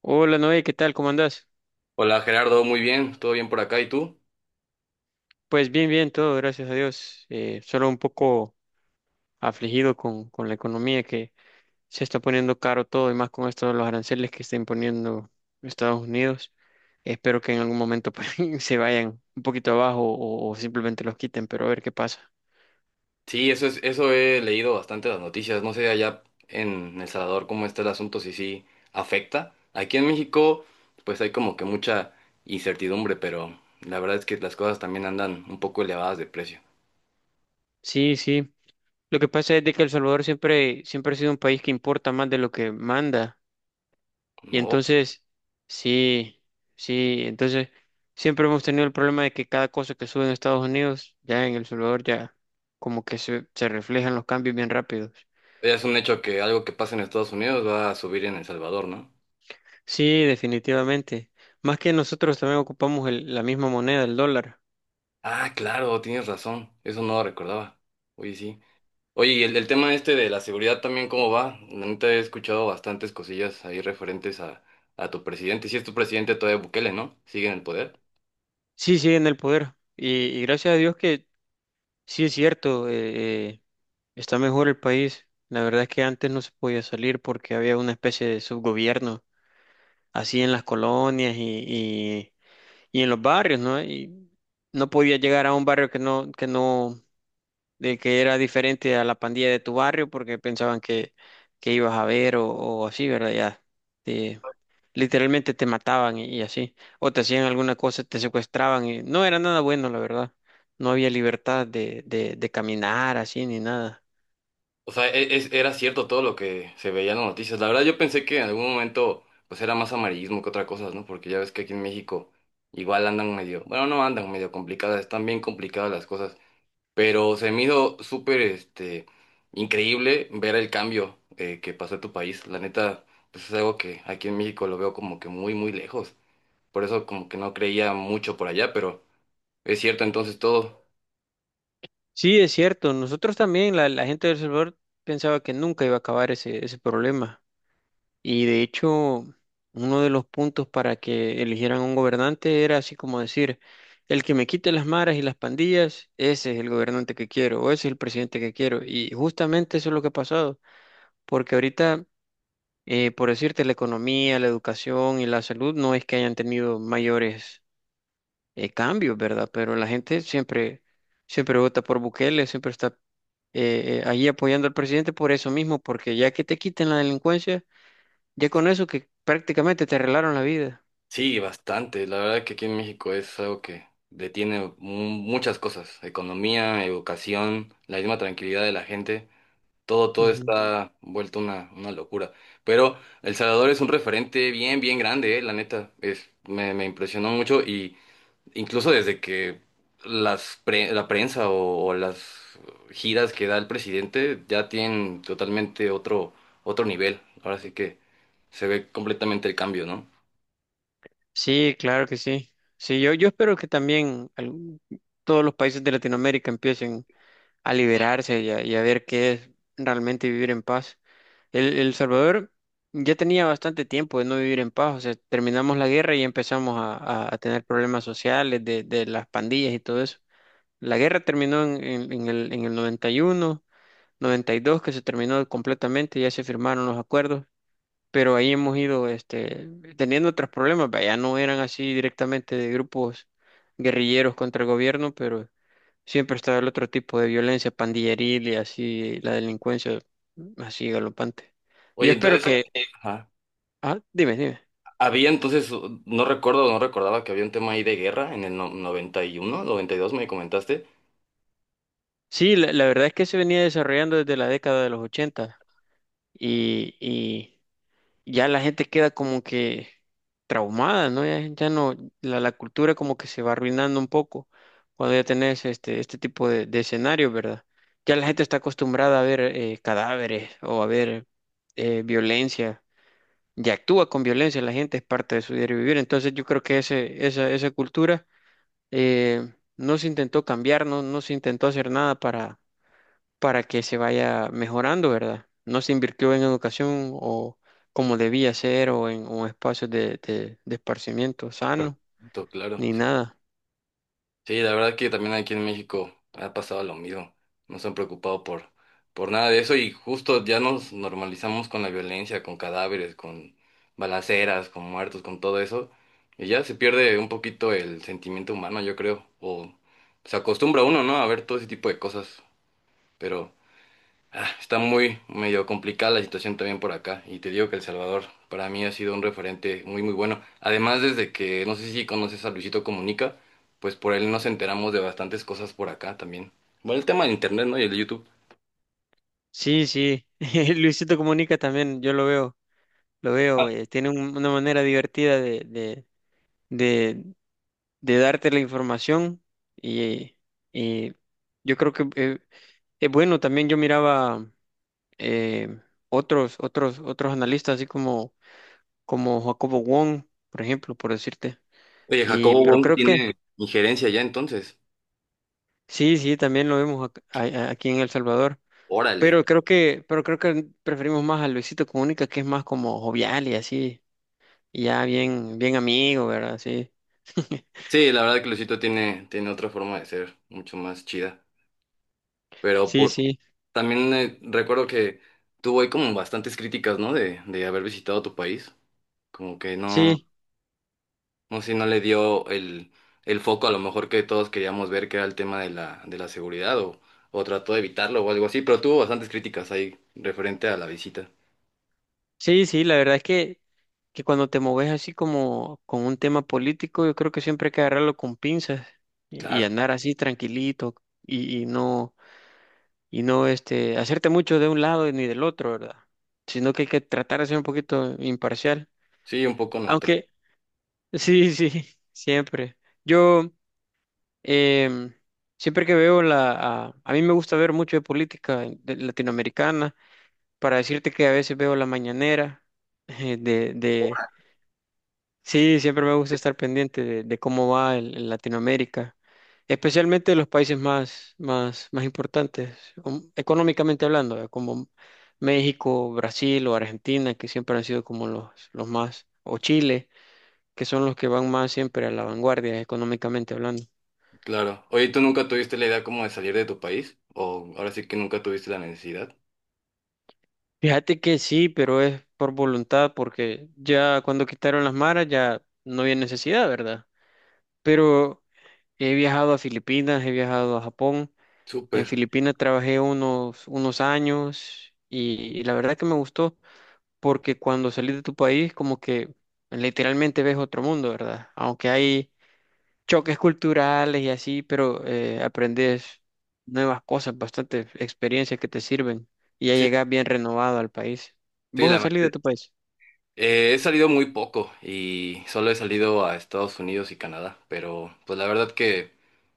Hola Noé, ¿qué tal? ¿Cómo andás? Hola Gerardo, muy bien, todo bien por acá, ¿y tú? Pues bien, bien, todo, gracias a Dios. Solo un poco afligido con la economía que se está poniendo caro todo, y más con esto de los aranceles que está imponiendo Estados Unidos. Espero que en algún momento pues, se vayan un poquito abajo o simplemente los quiten, pero a ver qué pasa. Sí, eso he leído bastante las noticias, no sé allá en El Salvador cómo está el asunto, si sí afecta. Aquí en México, pues hay como que mucha incertidumbre, pero la verdad es que las cosas también andan un poco elevadas de precio. Sí, sí. Lo que pasa es de que El Salvador siempre, siempre ha sido un país que importa más de lo que manda. Y No, entonces, sí, sí, entonces siempre hemos tenido el problema de que cada cosa que sube en Estados Unidos, ya en El Salvador, ya como que se reflejan los cambios bien rápidos. ya es un hecho que algo que pasa en Estados Unidos va a subir en El Salvador, ¿no? Sí, definitivamente. Más que nosotros también ocupamos la misma moneda, el dólar. Ah, claro, tienes razón, eso no lo recordaba. Oye, sí. Oye, y el tema este de la seguridad también, ¿cómo va? La neta he escuchado bastantes cosillas ahí referentes a tu presidente. Si es tu presidente todavía Bukele, ¿no? Sigue en el poder. Sí, sigue en el poder. Y gracias a Dios que sí es cierto, está mejor el país. La verdad es que antes no se podía salir porque había una especie de subgobierno, así en las colonias y en los barrios, ¿no? Y no podía llegar a un barrio que no, de que era diferente a la pandilla de tu barrio porque pensaban que ibas a ver o así, ¿verdad? Ya, te- literalmente te mataban y así, o te hacían alguna cosa, te secuestraban y no era nada bueno, la verdad. No había libertad de caminar así ni nada. O sea, era cierto todo lo que se veía en las noticias. La verdad yo pensé que en algún momento pues era más amarillismo que otra cosa, ¿no? Porque ya ves que aquí en México igual andan medio, bueno, no andan medio complicadas, están bien complicadas las cosas. Pero se me hizo súper este, increíble ver el cambio que pasó en tu país. La neta, pues es algo que aquí en México lo veo como que muy, muy lejos. Por eso como que no creía mucho por allá, pero es cierto entonces todo. Sí, es cierto, nosotros también, la gente de El Salvador pensaba que nunca iba a acabar ese problema. Y de hecho, uno de los puntos para que eligieran un gobernante era así como decir, el que me quite las maras y las pandillas, ese es el gobernante que quiero, o ese es el presidente que quiero. Y justamente eso es lo que ha pasado, porque ahorita, por decirte, la economía, la educación y la salud no es que hayan tenido mayores cambios, ¿verdad? Pero la gente siempre, siempre vota por Bukele, siempre está ahí apoyando al presidente por eso mismo, porque ya que te quiten la delincuencia ya con eso que prácticamente te arreglaron la vida. Sí, bastante. La verdad que aquí en México es algo que detiene muchas cosas. Economía, educación, la misma tranquilidad de la gente. Todo, todo Ujú. está vuelto una locura. Pero El Salvador es un referente bien, bien grande, la neta. Me impresionó mucho y incluso desde que la prensa o las giras que da el presidente ya tienen totalmente otro nivel. Ahora sí que se ve completamente el cambio, ¿no? Sí, claro que sí. Sí, yo espero que también todos los países de Latinoamérica empiecen a liberarse y a ver qué es realmente vivir en paz. El Salvador ya tenía bastante tiempo de no vivir en paz, o sea, terminamos la guerra y empezamos a, a tener problemas sociales de las pandillas y todo eso. La guerra terminó en, en el 91, 92 que se terminó completamente, ya se firmaron los acuerdos. Pero ahí hemos ido teniendo otros problemas, vaya, no eran así directamente de grupos guerrilleros contra el gobierno, pero siempre estaba el otro tipo de violencia pandilleril y así la delincuencia así galopante. Yo Oye, espero entonces, que... ajá. Ah, dime, dime. Había entonces, no recuerdo, no recordaba que había un tema ahí de guerra en el 91, 92 me comentaste. Sí, la verdad es que se venía desarrollando desde la década de los 80 y, ya la gente queda como que traumada, ¿no? Ya, ya no, la cultura como que se va arruinando un poco cuando ya tenés este, este tipo de escenarios, ¿verdad? Ya la gente está acostumbrada a ver cadáveres o a ver violencia, ya actúa con violencia, la gente es parte de su diario vivir, entonces yo creo que ese, esa cultura eh, no se intentó cambiar, no, no se intentó hacer nada para que se vaya mejorando, ¿verdad? No se invirtió en educación o como debía ser o en un espacio de, de esparcimiento sano, Tú, claro. ni nada. Sí, la verdad que también aquí en México ha pasado lo mismo. No se han preocupado por nada de eso y justo ya nos normalizamos con la violencia, con cadáveres, con balaceras, con muertos, con todo eso. Y ya se pierde un poquito el sentimiento humano, yo creo. O se acostumbra uno, ¿no? A ver todo ese tipo de cosas. Pero ah, está muy medio complicada la situación también por acá y te digo que El Salvador para mí ha sido un referente muy muy bueno. Además desde que no sé si conoces a Luisito Comunica, pues por él nos enteramos de bastantes cosas por acá también. Bueno, el tema del internet, ¿no? Y el de YouTube. Sí, sí, Luisito Comunica también, yo lo veo, Ah, tiene una manera divertida de, de darte la información y, y yo creo que es bueno, también yo miraba eh, otros, otros, otros analistas así como, como Jacobo Wong, por ejemplo, por decirte. oye, Y, Jacobo pero Wong creo que tiene injerencia ya entonces. sí, sí, también lo vemos a- aquí en El Salvador. Órale. Pero creo que preferimos más a Luisito Comunica, que es más como jovial y así, y ya bien, bien amigo, ¿verdad? Sí. Sí, la verdad que Luisito tiene otra forma de ser, mucho más chida. Pero Sí, por sí, también recuerdo que tuvo ahí como bastantes críticas, ¿no? De haber visitado tu país. Como que no. sí, No sé si no le dio el foco a lo mejor que todos queríamos ver, que era el tema de la seguridad, o trató de evitarlo o algo así, pero tuvo bastantes críticas ahí referente a la visita. sí, sí, la verdad es que cuando te moves así como con un tema político, yo creo que siempre hay que agarrarlo con pinzas y Claro, andar así tranquilito y, y no, y no hacerte mucho de un lado ni del otro, ¿verdad? Sino que hay que tratar de ser un poquito imparcial. sí, un poco neutral. Aunque, sí, sí, siempre. Yo, em, siempre que veo la... A, a mí me gusta ver mucho de política latinoamericana, para decirte que a veces veo la mañanera de... Sí, siempre me gusta estar pendiente de cómo va el Latinoamérica, especialmente de los países más, más, más importantes, económicamente hablando, ¿verdad? Como México, Brasil o Argentina, que siempre han sido como los más, o Chile, que son los que van más siempre a la vanguardia económicamente hablando. Claro. Oye, ¿tú nunca tuviste la idea como de salir de tu país? ¿O ahora sí que nunca tuviste la necesidad? Fíjate que sí, pero es por voluntad, porque ya cuando quitaron las maras ya no había necesidad, ¿verdad? Pero he viajado a Filipinas, he viajado a Japón. En Súper. Filipinas trabajé unos años y la verdad que me gustó, porque cuando salís de tu país como que literalmente ves otro mundo, ¿verdad? Aunque hay choques culturales y así, pero aprendes nuevas cosas, bastante experiencias que te sirven y ya Sí, llegas bien renovado al país. sí, ¿Vos la has salido verdad. de tu país? He salido muy poco y solo he salido a Estados Unidos y Canadá, pero pues la verdad que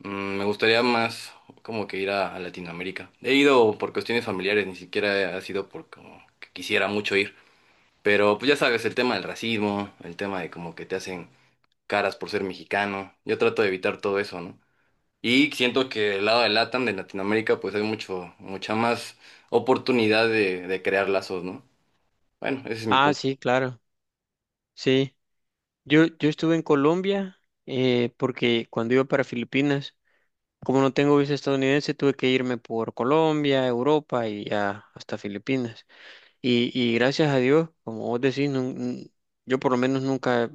mm, me gustaría más como que ir a Latinoamérica. He ido por cuestiones familiares, ni siquiera ha sido por como que quisiera mucho ir, pero pues ya sabes, el tema del racismo, el tema de como que te hacen caras por ser mexicano, yo trato de evitar todo eso, ¿no? Y siento que el lado de LATAM, de Latinoamérica, pues hay mucho, mucha más oportunidad de crear lazos, ¿no? Bueno, ese es mi Ah, punto. sí, claro, sí. Yo estuve en Colombia porque cuando iba para Filipinas, como no tengo visa estadounidense, tuve que irme por Colombia, Europa y ya hasta Filipinas. Y gracias a Dios, como vos decís, yo por lo menos nunca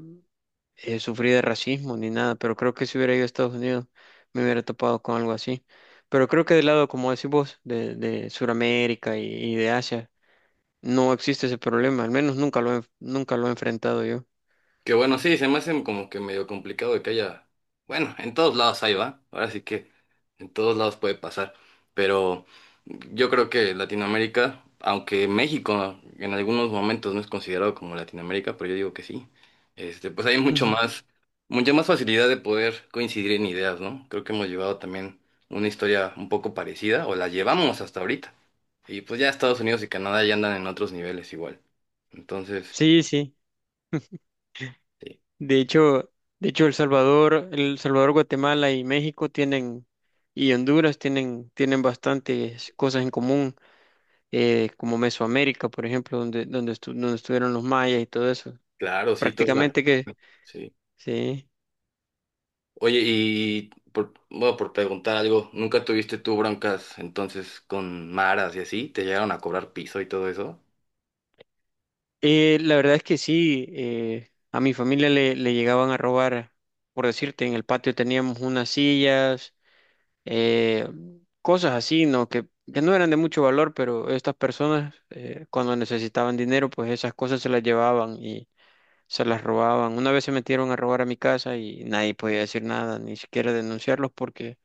sufrí de racismo ni nada, pero creo que si hubiera ido a Estados Unidos me hubiera topado con algo así. Pero creo que del lado, como decís vos, de Sudamérica y de Asia, no existe ese problema, al menos nunca lo he, nunca lo he enfrentado yo. Que bueno, sí, se me hace como que medio complicado de que haya. Bueno, en todos lados hay, va. Ahora sí que en todos lados puede pasar. Pero yo creo que Latinoamérica, aunque México en algunos momentos no es considerado como Latinoamérica, pero yo digo que sí. Este, pues hay mucho Ujú. más, mucha más facilidad de poder coincidir en ideas, ¿no? Creo que hemos llevado también una historia un poco parecida, o la llevamos hasta ahorita. Y pues ya Estados Unidos y Canadá ya andan en otros niveles igual. Entonces, Sí, sí. sí, De hecho, de hecho El Salvador, El Salvador, Guatemala y México tienen, y Honduras tienen, tienen bastantes cosas en común, como Mesoamérica, por ejemplo, donde, donde estuvieron los mayas y todo eso. claro, sí, toda la. Prácticamente que, Sí. sí. Oye, y por, bueno, por preguntar algo, ¿nunca tuviste tú broncas entonces con maras y así? ¿Te llegaron a cobrar piso y todo eso? La verdad es que sí, a mi familia le llegaban a robar, por decirte, en el patio teníamos unas sillas, eh, cosas así, ¿no? Que no eran de mucho valor, pero estas personas cuando necesitaban dinero, pues esas cosas se las llevaban y se las robaban. Una vez se metieron a robar a mi casa y nadie podía decir nada, ni siquiera denunciarlos porque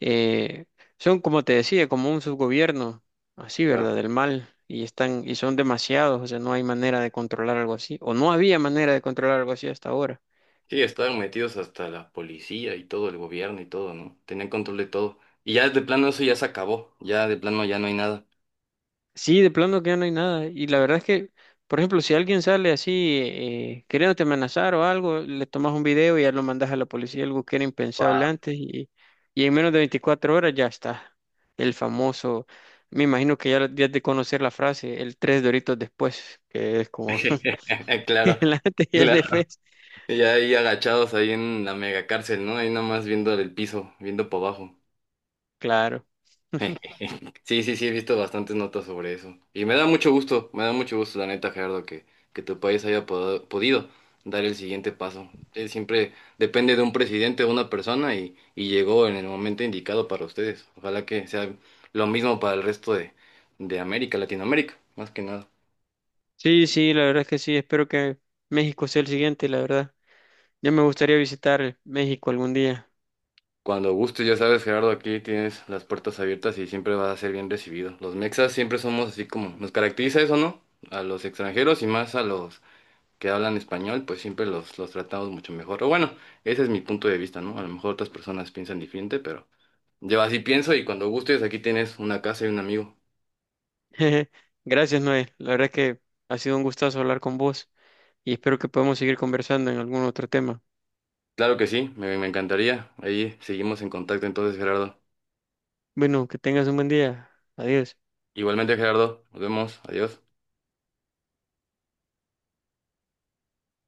eh, son, como te decía, como un subgobierno, así, Claro. ¿verdad? Del mal, y están, y son demasiados, o sea, no hay manera de controlar algo así, o no había manera de controlar algo así hasta ahora. Sí, estaban metidos hasta la policía y todo, el gobierno y todo, ¿no? Tenían control de todo. Y ya de plano eso ya se acabó, ya de plano ya no hay nada. Sí, de plano que ya no hay nada, y la verdad es que, por ejemplo, si alguien sale así, queriéndote amenazar o algo, le tomas un video y ya lo mandas a la policía, algo que era Wow. impensable antes, y en menos de 24 horas ya está, el famoso... Me imagino que ya, ya has de conocer la frase, el tres doritos después, que es como Claro, el antes y el claro. después. Ya ahí agachados ahí en la mega cárcel, ¿no? Ahí nada más viendo el piso, viendo para abajo. Claro. Sí, sí, sí, he visto bastantes notas sobre eso. Y me da mucho gusto, me da mucho gusto, la neta, Gerardo, que tu país haya podido dar el siguiente paso. Él siempre depende de un presidente o una persona y llegó en el momento indicado para ustedes. Ojalá que sea lo mismo para el resto de América, Latinoamérica, más que nada. Sí, sí, la verdad es que sí. Espero que México sea el siguiente, la verdad. Ya me gustaría visitar México algún día. Cuando gustes, ya sabes, Gerardo, aquí tienes las puertas abiertas y siempre vas a ser bien recibido. Los mexas siempre somos así como, nos caracteriza eso, ¿no? A los extranjeros y más a los que hablan español, pues siempre los tratamos mucho mejor. O bueno, ese es mi punto de vista, ¿no? A lo mejor otras personas piensan diferente, pero yo así pienso y cuando gustes aquí tienes una casa y un amigo. Gracias, Noé. La verdad es que ha sido un gustazo hablar con vos y espero que podamos seguir conversando en algún otro tema. Claro que sí, me encantaría. Ahí seguimos en contacto entonces, Gerardo. Bueno, que tengas un buen día. Adiós. Igualmente, Gerardo, nos vemos, adiós.